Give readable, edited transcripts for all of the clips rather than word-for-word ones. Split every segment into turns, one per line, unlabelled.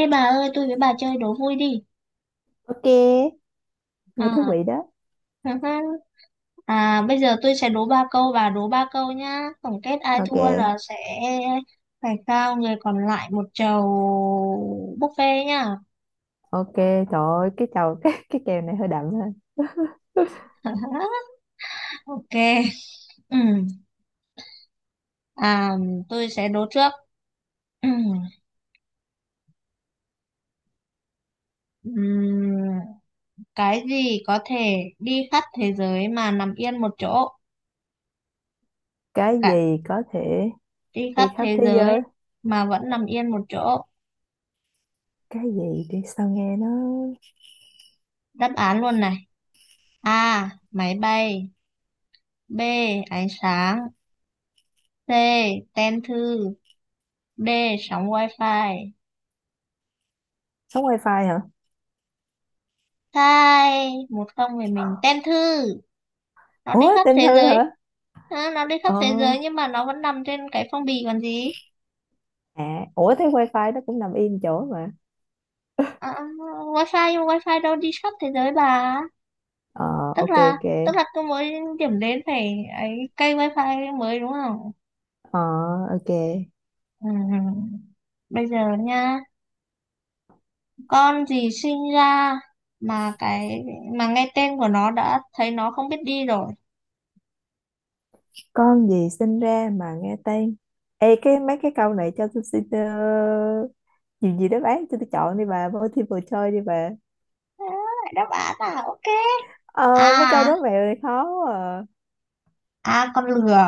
Ê bà ơi, tôi với bà chơi đố vui đi.
Ok, nghe thú
À,
vị đó.
à, bây giờ tôi sẽ đố ba câu, bà đố ba câu nhá. Tổng kết ai
Ok,
thua là sẽ phải trao người còn lại một chầu buffet nhá.
ok, trời ơi, cái chầu cái kèo này hơi đậm ha.
Ok. Ừ. À, tôi sẽ đố trước. Ừ. Ừm, cái gì có thể đi khắp thế giới mà nằm yên một chỗ?
Cái
Cả
gì có thể
đi khắp
đi khắp
thế
thế
giới
giới?
mà vẫn nằm yên một chỗ.
Cái gì đi sao nghe nó
Đáp án luôn này. A. Máy bay. B. Ánh sáng. C. Tem thư. D. Sóng wifi.
sống wifi hả?
Sai. 1-0 về mình. Tem thư. Nó đi
Ủa,
khắp
tên
thế
Thư
giới.
hả?
Ờ, nó đi khắp
Ờ,
thế giới nhưng mà nó vẫn nằm trên cái phong bì còn gì.
à, ủa thế wifi nó cũng nằm yên chỗ mà.
Ờ, wifi nhưng mà wifi đâu đi khắp thế giới bà.
Ờ,
Tức
ok
là
ok.
Tức là cứ mỗi điểm đến phải ấy, cây wifi mới đúng không.
Ờ, ok.
Ừ. Bây giờ nha, con gì sinh ra mà cái mà nghe tên của nó đã thấy nó không biết đi rồi.
Con gì sinh ra mà nghe tên? Ê, cái mấy cái câu này cho tôi xin gì gì đáp án cho tôi chọn đi bà, multiple choice đi bà.
Đó, đáp án là ok. A.
Ờ, mấy câu đố mẹo này khó quá à.
A con lừa.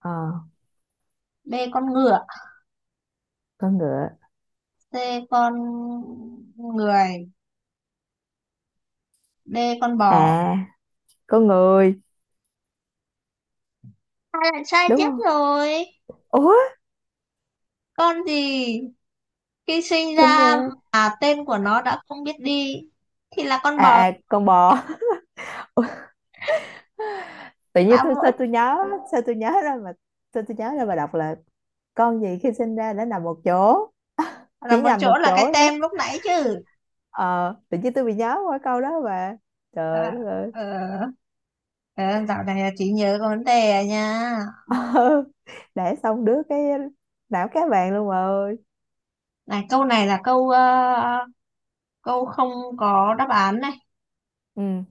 Ờ,
B con ngựa.
con ngựa.
C con người. D con bò.
À, con người
Hai lần sai
đúng
tiếp
không.
rồi.
Ủa,
Con gì khi sinh
xin
ra
ra.
mà tên của nó đã không biết đi thì là con
À,
bò.
à, con bò. Ủa, tự nhiên
Đã
tôi
mỗi
sao tôi nhớ ra mà sao tôi nhớ ra mà đọc là con gì khi sinh ra đã nằm một chỗ.
là
Chỉ
một
nằm một
chỗ là cái
chỗ chứ.
tem lúc nãy chứ.
Ờ, tự nhiên tôi bị nhớ qua câu đó mà, trời
À,
đất ơi.
ờ, ờ, dạo này là chỉ nhớ có vấn đề à nha.
Ờ, để xong đứa cái não cá vàng luôn mà ơi.
Này, câu này là câu không có đáp án này.
Ừ,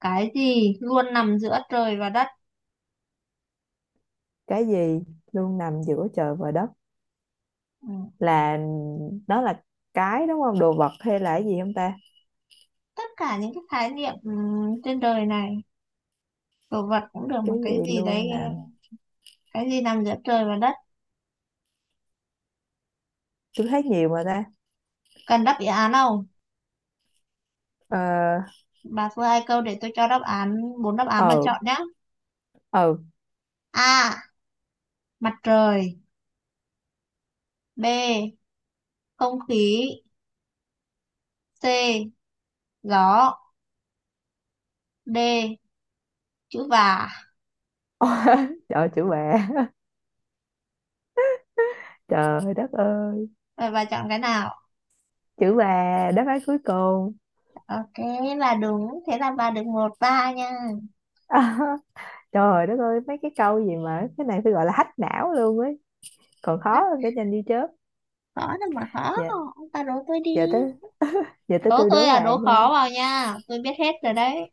Cái gì luôn nằm giữa trời và đất.
cái gì luôn nằm giữa trời và đất?
Ừ.
Là nó là cái đúng không, đồ vật hay là cái gì không ta?
Tất cả những cái khái niệm ừ, trên đời này, đồ vật cũng được mà
Cái
cái
gì
gì đấy.
luôn nè,
Cái gì nằm giữa trời và đất?
tôi thấy nhiều mà ta.
Cần đáp án không?
Ờ.
Bà thua hai câu để tôi cho đáp án. Bốn đáp án mà
Ờ.
chọn nhé.
Ờ.
A. Mặt trời. B. Không khí. C. Gió. D. Chữ và.
Trời ơi, chữ bà. Trời đất ơi,
Rồi bà chọn cái nào?
chữ bà đáp án cuối cùng.
Ok, là đúng, thế là bà được 1-3 nha.
Trời đất ơi, mấy cái câu gì mà cái này phải gọi là hack não luôn ấy, còn
Á,
khó hơn cái nhanh như chớp.
khó đâu mà khó.
Dạ.
Ông ta đố tôi đi.
Giờ tới giờ tới
Đố
tôi
tôi
đố
là đố
bạn nha.
khó vào nha, tôi biết hết rồi đấy.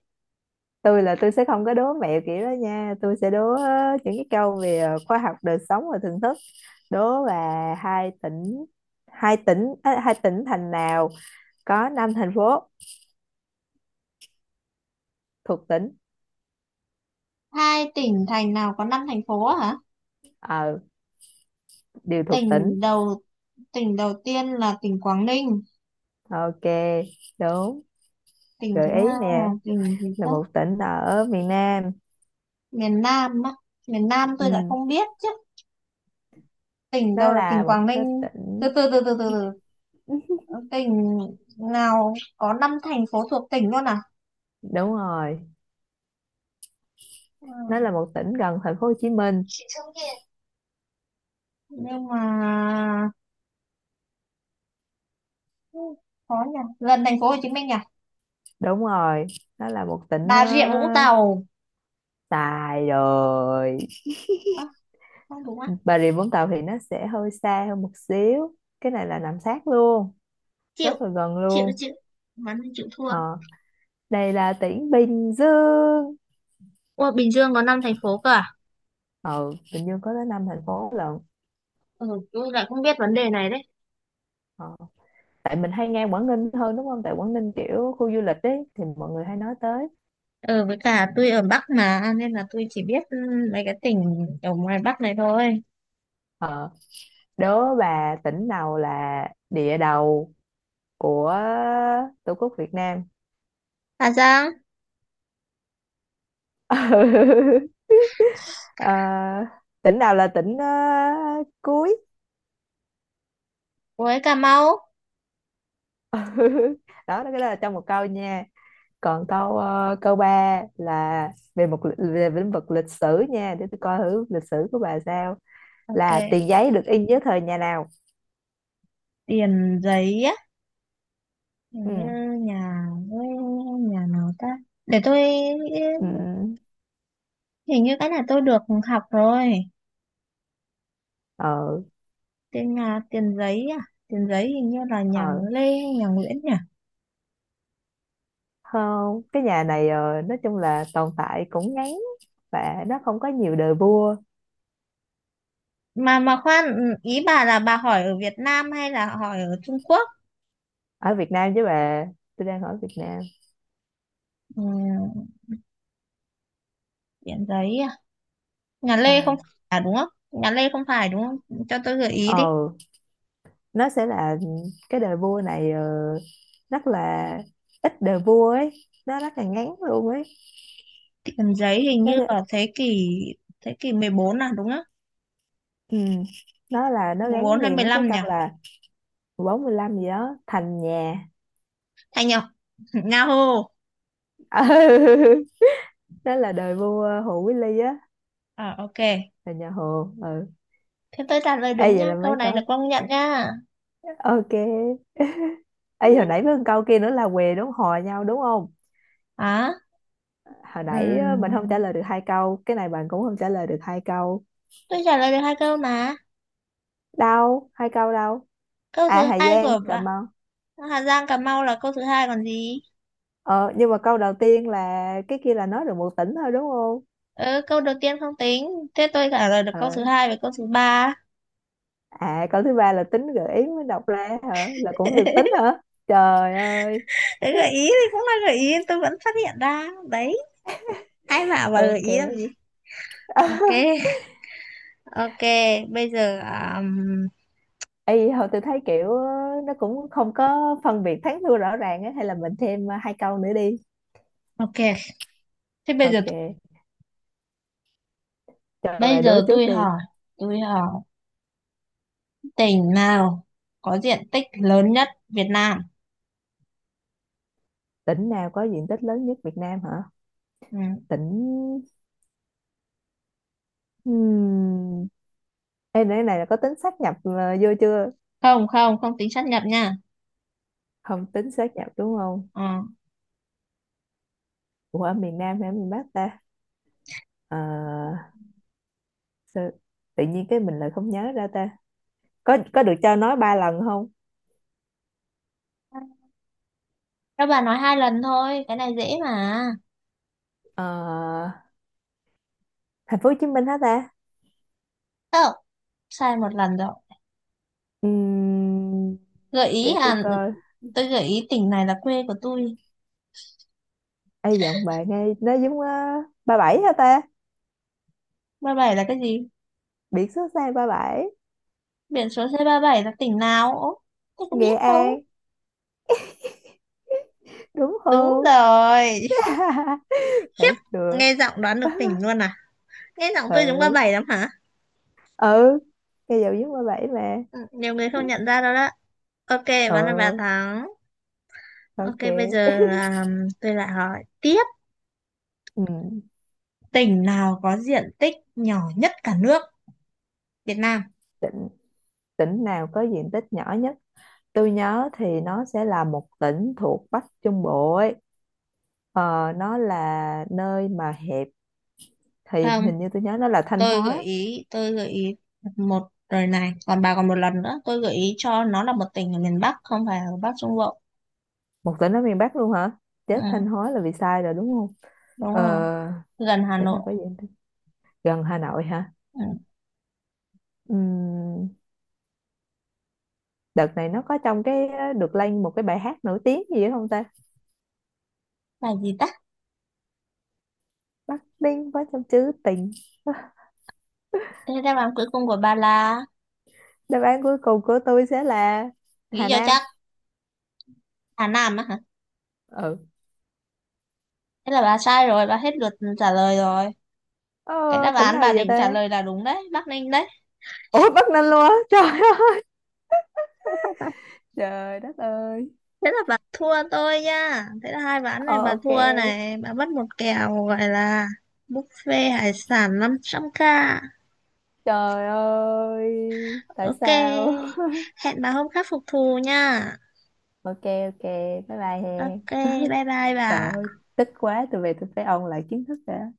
Tôi là tôi sẽ không có đố mẹo kiểu đó nha, tôi sẽ đố những cái câu về khoa học đời sống và thưởng thức. Đố là hai tỉnh, hai tỉnh thành nào có năm thành phố thuộc tính?
Hai tỉnh thành nào có năm thành phố hả?
Ờ, điều thuộc tính.
Tỉnh đầu tỉnh đầu tiên là tỉnh Quảng Ninh,
Ok, đúng.
tỉnh thứ
Gợi ý
hai là
nè,
tỉnh gì
là
ta?
một tỉnh ở miền Nam.
Miền Nam á. Miền Nam tôi lại
Ừ,
không biết chứ. Tỉnh
nó
đầu là tỉnh
là một
Quảng
cái
Ninh. Từ
tỉnh.
từ từ từ từ từ. Tỉnh nào có năm thành phố thuộc tỉnh luôn à?
Đúng rồi,
Ừ,
nó là một tỉnh gần thành phố Hồ Chí Minh.
nhưng mà ừ, khó nhỉ. Gần thành phố Hồ Chí Minh nhỉ?
Đúng rồi, nó là một tỉnh
Bà Rịa Vũng Tàu.
xài rồi.
À, không đúng à?
Bà Rịa Vũng Tàu thì nó sẽ hơi xa hơn một xíu, cái này là nằm sát luôn,
Chịu
rất là gần
chịu
luôn.
chịu mắn thì chịu thua.
Ờ, đây là tỉnh Bình Dương.
Ủa, Bình Dương có 5 thành phố cơ à?
Ừ, Bình Dương có tới năm thành phố lận.
Ừ, tôi lại không biết vấn đề này đấy.
Ờ, tại mình hay nghe Quảng Ninh hơn đúng không, tại Quảng Ninh kiểu khu du lịch ấy thì mọi người hay nói tới.
Ờ, với cả tôi ở Bắc mà, nên là tôi chỉ biết ừ, mấy cái tỉnh ở ngoài Bắc này thôi.
ờ, Đố bà tỉnh nào là địa đầu của Tổ quốc Việt Nam?
Hà Giang,
Ờ, tỉnh nào là tỉnh cuối.
với Cà Mau.
Đó, cái đó là trong một câu nha. Còn câu câu ba là về về lĩnh vực lịch sử nha, để tôi coi thử lịch sử của bà sao.
Ok.
Là tiền giấy được in dưới thời nhà nào?
Tiền Giấy á. Hình
Ừ.
như nhà, với nhà nào ta? Để tôi,
Ừ.
hình như cái này tôi được học rồi.
Ờ.
Tên nhà Tiền Giấy à? Tiền Giấy hình như là nhà
Ờ.
Lê, nhà Nguyễn nhỉ?
Không, cái nhà này nói chung là tồn tại cũng ngắn, và nó không có nhiều đời vua.
mà khoan ừ, ý bà là bà hỏi ở Việt Nam hay là hỏi ở Trung Quốc?
Ở Việt Nam chứ bà, tôi đang ở Việt Nam.
Ừ, tiền giấy à? Nhà
Ờ.
Lê không phải à, đúng không? Nhà Lê không phải đúng không? Cho tôi gợi ý đi.
Ờ, nó sẽ là cái đời vua này rất là ít đời vua ấy, nó rất là ngắn luôn ấy.
Tiền giấy hình
nó
như
sẽ-
ở thế kỷ, thế kỷ 14 à đúng không?
ừ, nó
14
gắn
hay
liền
mười
với cái
lăm
câu
nhỉ?
là 45 gì đó thành nhà.
Thành Nhật. Yahoo.
Ừ, đó là đời vua Hồ Quý Ly á,
À, ok,
là nhà Hồ. Ừ.
thế tôi trả lời
Ê
đúng
vậy
nha,
là
câu
mấy
này được
câu,
công nhận nha.
ok. Ê, hồi
Ừ.
nãy với câu kia nữa là què đúng hò nhau đúng không?
À,
Hồi nãy á, mình không trả
ừm,
lời được hai câu, cái này bạn cũng không trả lời được hai câu.
tôi trả lời được hai câu mà.
Đâu? Hai câu đâu?
Câu
À,
thứ
Hà
hai của
Giang, Cà
bà.
Mau.
Hà Giang Cà Mau là câu thứ hai còn gì.
Ờ, nhưng mà câu đầu tiên là cái kia là nói được một tỉnh thôi đúng không?
Ừ, câu đầu tiên không tính, thế tôi trả lời được câu
Ờ.
thứ hai và câu thứ ba.
À, câu thứ ba là tính gợi ý mới đọc ra hả? Là cũng được tính hả? Trời ơi.
Đấy, gợi ý thì cũng là gợi ý tôi vẫn phát hiện ra đấy, ai bảo là gợi
Ok.
ý làm gì. Ok. Ok. Bây giờ
Ê, hồi tôi thấy kiểu nó cũng không có phân biệt thắng thua rõ ràng á, hay là mình thêm hai câu nữa đi.
ok, thế bây giờ,
Ok, cho
bây
bà đố
giờ
trước
tôi
đi.
hỏi tôi hỏi tỉnh nào có diện tích lớn nhất Việt Nam?
Tỉnh nào có diện tích lớn nhất Việt Nam hả?
Ừ.
Tỉnh hmm. Ê, nãy này là có tính sáp nhập vô chưa?
Không không không tính sát nhập nha.
Không tính sáp nhập đúng không?
Ờ.
Ủa, ở miền Nam hay ở miền Bắc ta? Ờ, sao- Tự nhiên cái mình lại không nhớ ra ta. Có được cho nói ba lần không?
Các bạn nói hai lần thôi, cái này dễ mà.
Ờ, Thành phố Hồ Chí Minh hả ta?
Không, sai một lần rồi.
Ừm,
Gợi ý
để tôi
à?
coi.
Tôi gợi ý tỉnh này là quê của tôi.
Ê giọng bạn nghe nó giống 37 hả ta?
Ba bảy là cái gì?
Biển số xe 37,
Biển số xe 37 là tỉnh nào? Ố, tôi có
Nghệ
biết đâu.
An đúng
Đúng
không?
rồi. Khiếp,
Thấy chưa?
nghe giọng đoán được tỉnh luôn à? Nghe giọng tôi giống ba
Ừ.
bảy lắm hả?
Ừ, cây dầu dứt qua bảy mà.
Ừ, nhiều người không nhận ra đâu đó. Ok, bán là bà
Ừ,
thắng. Ok,
ok.
bây giờ à, tôi lại hỏi tiếp,
Ừ.
tỉnh nào có diện tích nhỏ nhất cả nước Việt Nam?
tỉnh tỉnh nào có diện tích nhỏ nhất? Tôi nhớ thì nó sẽ là một tỉnh thuộc Bắc Trung Bộ ấy, nó là nơi mà hẹp, thì
Không.
hình như tôi nhớ nó là Thanh
tôi gợi
Hóa.
ý tôi gợi ý một rồi này, còn bà còn một lần nữa. Tôi gợi ý cho nó là một tỉnh ở miền Bắc không phải ở Bắc Trung Bộ.
Một tỉnh ở miền Bắc luôn hả? Chết, Thanh
Ừ,
Hóa là vì sai rồi đúng không?
đúng
ờ,
rồi. Gần Hà
Tỉnh nào
Nội.
có diện tích gần Hà Nội hả?
Ừ.
Ừm, Đợt này nó có trong cái được lên một cái bài hát nổi tiếng gì đó không ta?
Là gì ta?
Bắc Ninh có trong trữ tình.
Thế đáp án cuối cùng của bà là,
Đáp án cuối cùng của tôi sẽ là
nghĩ
Hà
cho
Nam.
chắc. Hà Nam á hả?
Ừ.
Thế là bà sai rồi, bà hết lượt trả lời rồi. Cái
ờ,
đáp
Tỉnh
án
nào
bà
vậy
định trả
ta?
lời là đúng đấy, Bắc Ninh đấy.
Ủa, Bắc Ninh luôn á, trời ơi. Trời đất ơi.
Thế là bà thua tôi nha, thế là hai ván này
Ờ,
bà
ok.
thua này, bà mất một kèo gọi là buffet hải sản 500k.
Trời ơi, tại
Ok,
sao.
hẹn bà hôm khác phục thù nha.
Ok, ok, bye bye he.
Ok, bye bye bà.
Trời ơi, tức quá, tôi về tôi phải ôn lại kiến thức đã.